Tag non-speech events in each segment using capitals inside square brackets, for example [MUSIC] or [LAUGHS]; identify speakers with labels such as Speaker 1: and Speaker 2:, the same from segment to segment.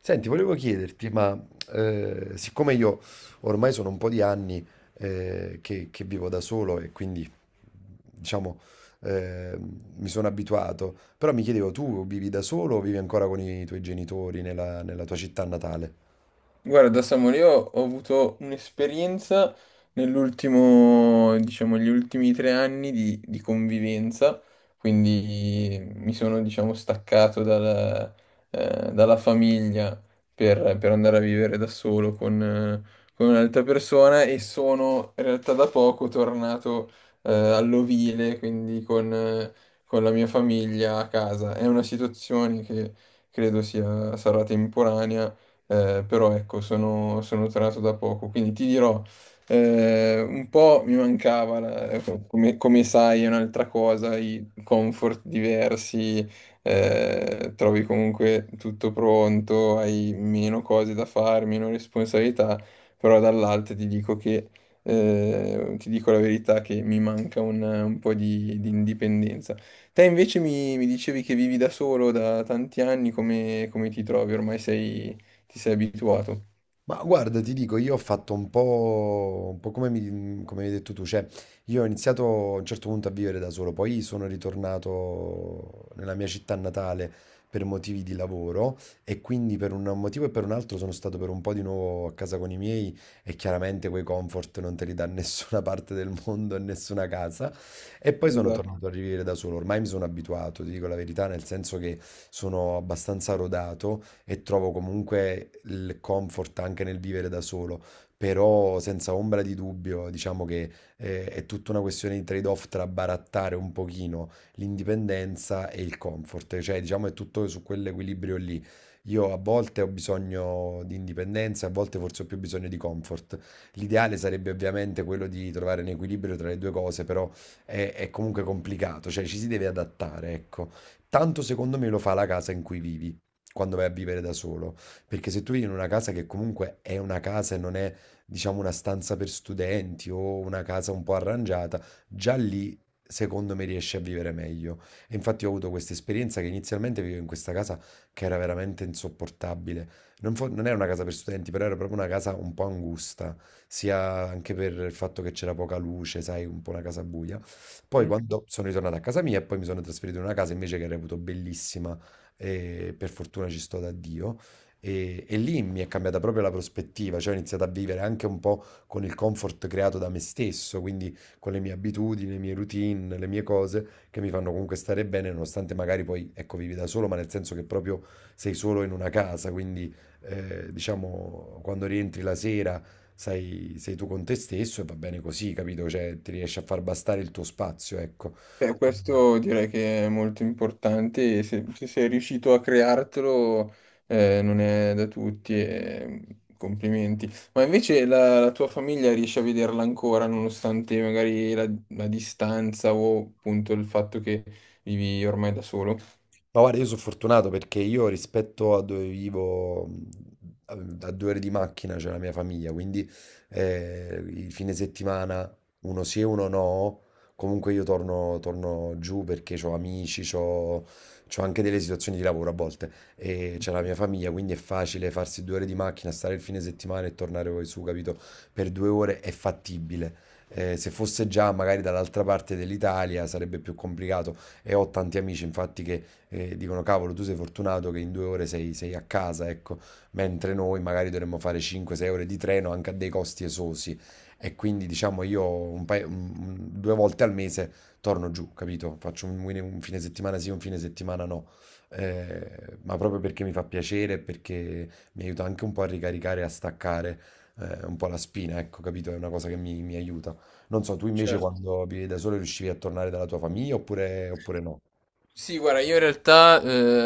Speaker 1: Senti, volevo chiederti, ma siccome io ormai sono un po' di anni che vivo da solo e quindi, diciamo, eh, mi sono abituato, però mi chiedevo, tu vivi da solo o vivi ancora con i tuoi genitori nella tua città natale?
Speaker 2: Guarda, Samuel, io ho avuto un'esperienza nell'ultimo, diciamo, gli ultimi 3 anni di convivenza, quindi mi sono, diciamo, staccato dalla famiglia per andare a vivere da solo con un'altra persona e sono in realtà da poco tornato, all'ovile, quindi con la mia famiglia a casa. È una situazione che credo sarà temporanea, però ecco, sono tornato da poco, quindi ti dirò, un po' mi mancava, come, come sai, è un'altra cosa, i comfort diversi, trovi comunque tutto pronto, hai meno cose da fare, meno responsabilità, però dall'altra ti dico che, ti dico la verità, che mi manca un po' di indipendenza. Te invece mi dicevi che vivi da solo da tanti anni, come ti trovi? Ormai sei, ti sei abituato.
Speaker 1: Ma guarda, ti dico, io ho fatto un po' come hai detto tu, cioè io ho iniziato a un certo punto a vivere da solo, poi sono ritornato nella mia città natale per motivi di lavoro e quindi per un motivo e per un altro sono stato per un po' di nuovo a casa con i miei e chiaramente quei comfort non te li dà [LAUGHS] nessuna parte del mondo e nessuna casa e poi sono No.
Speaker 2: Esatto.
Speaker 1: tornato a vivere da solo. Ormai mi sono abituato, ti dico la verità, nel senso che sono abbastanza rodato e trovo comunque il comfort anche nel vivere da solo, però senza ombra di dubbio, diciamo che è tutta una questione di trade-off tra barattare un pochino l'indipendenza e il comfort, cioè diciamo è tutto su quell'equilibrio lì. Io a volte ho bisogno di indipendenza, a volte forse ho più bisogno di comfort. L'ideale sarebbe ovviamente quello di trovare un equilibrio tra le due cose, però è comunque complicato, cioè ci si deve adattare, ecco. Tanto secondo me lo fa la casa in cui vivi quando vai a vivere da solo. Perché se tu vivi in una casa che comunque è una casa e non è, diciamo, una stanza per studenti o una casa un po' arrangiata, già lì secondo me riesci a vivere meglio. E infatti ho avuto questa esperienza che inizialmente vivevo in questa casa che era veramente insopportabile. Non era una casa per studenti, però era proprio una casa un po' angusta, sia anche per il fatto che c'era poca luce, sai, un po' una casa buia. Poi
Speaker 2: Mm.
Speaker 1: quando sono ritornato a casa mia e poi mi sono trasferito in una casa invece che reputo bellissima e per fortuna ci sto da Dio. E lì mi è cambiata proprio la prospettiva, cioè ho iniziato a vivere anche un po' con il comfort creato da me stesso, quindi con le mie abitudini, le mie routine, le mie cose che mi fanno comunque stare bene, nonostante magari poi, ecco, vivi da solo, ma nel senso che proprio sei solo in una casa, quindi diciamo quando rientri la sera sei tu con te stesso e va bene così, capito? Cioè ti riesci a far bastare il tuo spazio, ecco.
Speaker 2: Beh, questo direi che è molto importante se sei riuscito a creartelo, non è da tutti e, complimenti. Ma invece la tua famiglia riesce a vederla ancora nonostante magari la distanza o appunto il fatto che vivi ormai da solo?
Speaker 1: Ma guarda, io sono fortunato perché io rispetto a dove vivo, a a 2 ore di macchina c'è la mia famiglia, quindi il fine settimana, uno sì e uno no, comunque io torno giù perché ho amici, ho anche delle situazioni di lavoro a volte e c'è la mia famiglia, quindi è facile farsi 2 ore di macchina, stare il fine settimana e tornare poi su, capito? Per 2 ore è fattibile. Se fosse già magari dall'altra parte dell'Italia sarebbe più complicato e ho tanti amici infatti che e dicono cavolo, tu sei fortunato che in 2 ore sei a casa, ecco, mentre noi magari dovremmo fare 5-6 ore di treno anche a dei costi esosi. E quindi diciamo io 2 volte al mese torno giù, capito? Faccio un fine settimana sì, un fine settimana no. Ma proprio perché mi fa piacere, e perché mi aiuta anche un po' a ricaricare, e a staccare un po' la spina, ecco, capito? È una cosa che mi aiuta. Non so, tu invece
Speaker 2: Certo.
Speaker 1: quando vivi da solo riuscivi a tornare dalla tua famiglia oppure no?
Speaker 2: Sì, guarda, io in realtà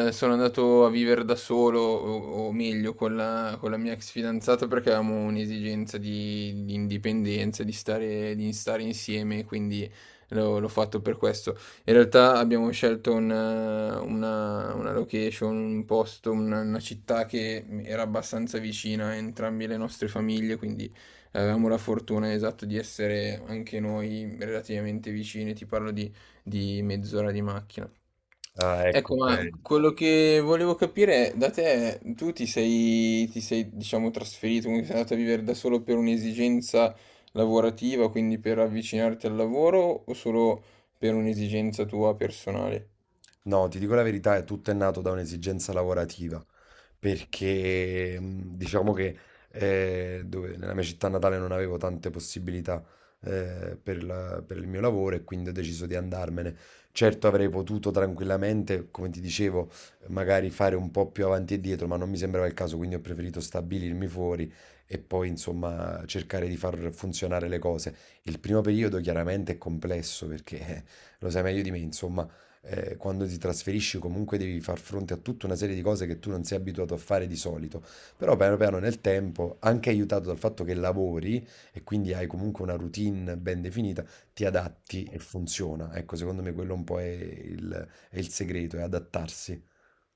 Speaker 2: sono andato a vivere da solo, o meglio con con la mia ex fidanzata, perché avevamo un'esigenza di indipendenza, di stare insieme, quindi l'ho fatto per questo. In realtà abbiamo scelto una location, un posto, una città che era abbastanza vicina a entrambe le nostre famiglie, quindi avevamo la fortuna, esatto, di essere anche noi relativamente vicini, ti parlo di 30 minuti di macchina.
Speaker 1: Ah, ecco,
Speaker 2: Ecco,
Speaker 1: ok.
Speaker 2: ma quello che volevo capire è, da te, ti sei, diciamo, trasferito, quindi sei andato a vivere da solo per un'esigenza lavorativa, quindi per avvicinarti al lavoro o solo per un'esigenza tua personale?
Speaker 1: No, ti dico la verità, è nato da un'esigenza lavorativa, perché diciamo che nella mia città natale non avevo tante possibilità per il mio lavoro e quindi ho deciso di andarmene. Certo avrei potuto tranquillamente, come ti dicevo, magari fare un po' più avanti e dietro, ma non mi sembrava il caso, quindi ho preferito stabilirmi fuori e poi insomma cercare di far funzionare le cose. Il primo periodo chiaramente è complesso perché [LAUGHS] lo sai meglio di me, insomma quando ti trasferisci comunque devi far fronte a tutta una serie di cose che tu non sei abituato a fare di solito. Però piano piano nel tempo, anche aiutato dal fatto che lavori e quindi hai comunque una routine ben definita, ti adatti e funziona. Ecco, secondo me quello un po' è il segreto, è adattarsi.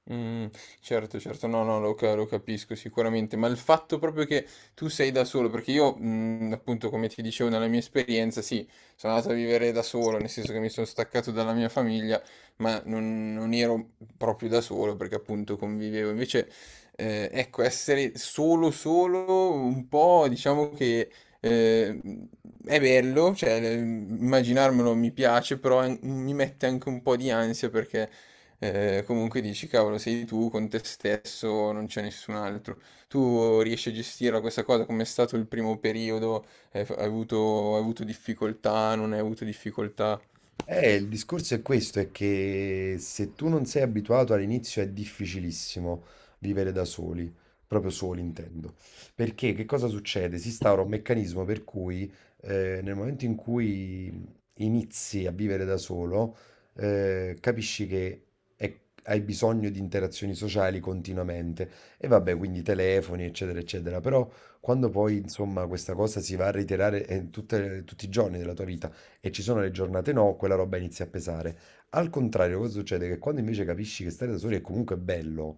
Speaker 2: Mh, certo, certo. No, no, lo capisco sicuramente, ma il fatto proprio che tu sei da solo perché io, appunto come ti dicevo nella mia esperienza, sì, sono andato a vivere da solo, nel senso che mi sono staccato dalla mia famiglia, ma non ero proprio da solo perché appunto convivevo. Invece, ecco, essere solo, solo un po', diciamo che, ehm, è bello, cioè, immaginarmelo mi piace, però an mi mette anche un po' di ansia perché, comunque dici, cavolo, sei tu con te stesso, non c'è nessun altro. Tu riesci a gestirla questa cosa? Com'è stato il primo periodo? Hai avuto difficoltà? Non hai avuto difficoltà?
Speaker 1: Il discorso è questo, è che se tu non sei abituato all'inizio è difficilissimo vivere da soli, proprio soli intendo, perché che cosa succede? Si instaura un meccanismo per cui nel momento in cui inizi a vivere da solo, capisci che è- hai bisogno di interazioni sociali continuamente e vabbè, quindi telefoni, eccetera, eccetera, però quando poi insomma questa cosa si va a reiterare tutti i giorni della tua vita, e ci sono le giornate no, quella roba inizia a pesare. Al contrario, cosa succede? Che quando invece capisci che stare da soli è comunque bello,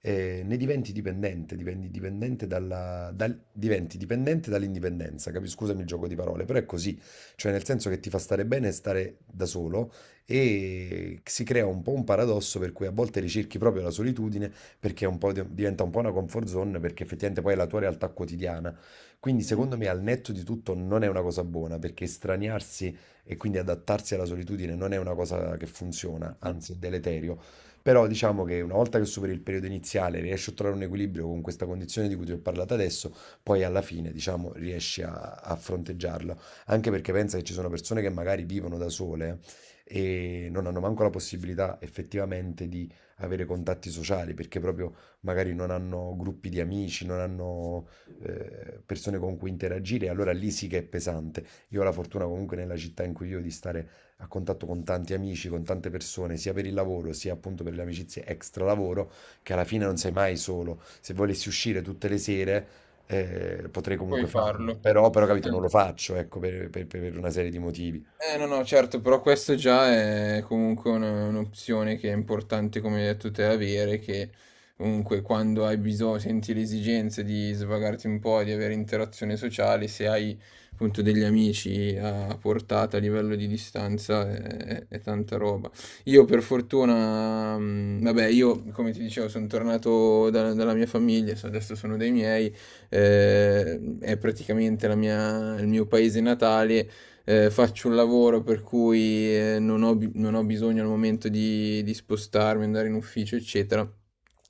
Speaker 1: ne diventi dipendente, diventi dipendente diventi dipendente dall'indipendenza, scusami il gioco di parole, però è così, cioè nel senso che ti fa stare bene stare da solo e si crea un po' un paradosso per cui a volte ricerchi proprio la solitudine perché è un po' diventa un po' una comfort zone perché effettivamente poi è la tua realtà quotidiana. Quindi secondo me al netto di tutto non è una cosa buona perché estraniarsi e quindi adattarsi alla solitudine non è una cosa che funziona, anzi è deleterio. Però diciamo che una volta che superi il periodo iniziale, riesci a trovare un equilibrio con questa condizione di cui ti ho parlato adesso, poi alla fine, diciamo, riesci a fronteggiarlo. Anche perché pensa che ci sono persone che magari vivono da sole e non hanno manco la possibilità effettivamente di avere contatti sociali, perché proprio magari non hanno gruppi di amici, non hanno persone con cui interagire, e allora lì sì che è pesante. Io ho la fortuna comunque nella città in cui vivo di stare a contatto con tanti amici, con tante persone, sia per il lavoro, sia appunto per le amicizie extra lavoro, che alla fine non
Speaker 2: Mm.
Speaker 1: sei mai solo. Se volessi uscire tutte le sere, potrei
Speaker 2: Puoi
Speaker 1: comunque farlo.
Speaker 2: farlo.
Speaker 1: Però, capito, non lo faccio, ecco, per una serie di motivi.
Speaker 2: Eh no, no, certo, però questo già è comunque un'opzione che è importante, come hai detto te, avere, che comunque quando hai bisogno, senti l'esigenza di svagarti un po', di avere interazione sociale, se hai appunto degli amici a portata a livello di distanza, è tanta roba. Io per fortuna, vabbè, io come ti dicevo, sono tornato dalla mia famiglia, adesso sono dei miei, è praticamente il mio paese natale, faccio un lavoro per cui, non ho, non ho bisogno al momento di spostarmi, andare in ufficio, eccetera.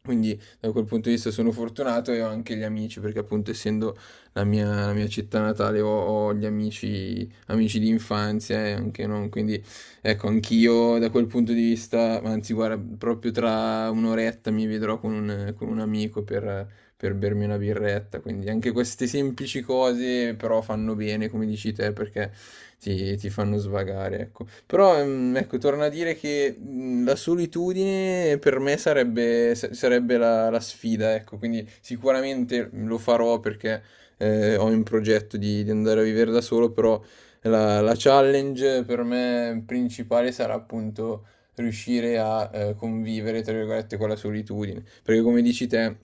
Speaker 2: Quindi da quel punto di vista sono fortunato e ho anche gli amici, perché appunto essendo la mia città natale, ho gli amici, amici di infanzia e anche non, quindi ecco, anch'io da quel punto di vista, anzi guarda, proprio tra un'oretta mi vedrò con con un amico per bermi una birretta. Quindi anche queste semplici cose però fanno bene, come dici te, perché ti fanno svagare, ecco. Però ecco, torna a dire che la solitudine per me sarebbe, sarebbe la sfida, ecco. Quindi sicuramente lo farò perché, ho in progetto di andare a vivere da solo, però la challenge per me principale sarà appunto riuscire a, convivere, tra virgolette, con la solitudine. Perché come dici te,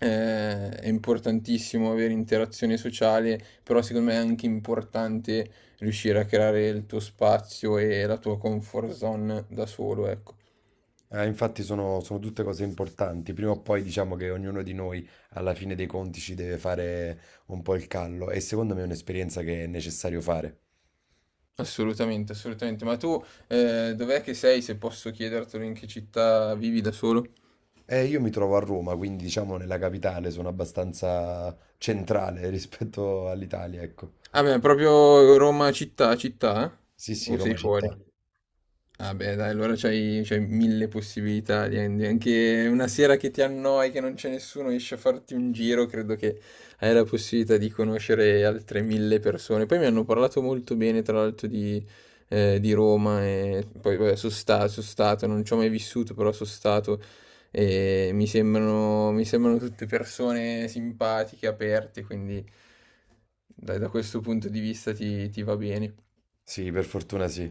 Speaker 2: è importantissimo avere interazione sociale, però secondo me è anche importante riuscire a creare il tuo spazio e la tua comfort zone da solo, ecco.
Speaker 1: Infatti sono tutte cose importanti. Prima o poi diciamo che ognuno di noi alla fine dei conti ci deve fare un po' il callo e secondo me è un'esperienza che è necessario fare.
Speaker 2: Assolutamente, assolutamente. Ma tu, dov'è che sei, se posso chiedertelo, in che città vivi da solo?
Speaker 1: Io mi trovo a Roma, quindi diciamo nella capitale, sono abbastanza centrale [LAUGHS] rispetto all'Italia, ecco.
Speaker 2: Ah beh, proprio Roma città, città?
Speaker 1: Sì,
Speaker 2: Eh?
Speaker 1: sì,
Speaker 2: O sei
Speaker 1: Roma
Speaker 2: fuori?
Speaker 1: città.
Speaker 2: Ah beh dai, allora c'hai 1.000 possibilità, anche una sera che ti annoi, che non c'è nessuno, esci a farti un giro, credo che hai la possibilità di conoscere altre 1.000 persone. Poi mi hanno parlato molto bene, tra l'altro, di Roma, e poi vabbè, sono stato, non ci ho mai vissuto, però sono stato, e mi sembrano tutte persone simpatiche, aperte, quindi dai, da questo punto di vista ti va bene.
Speaker 1: Sì, per fortuna sì.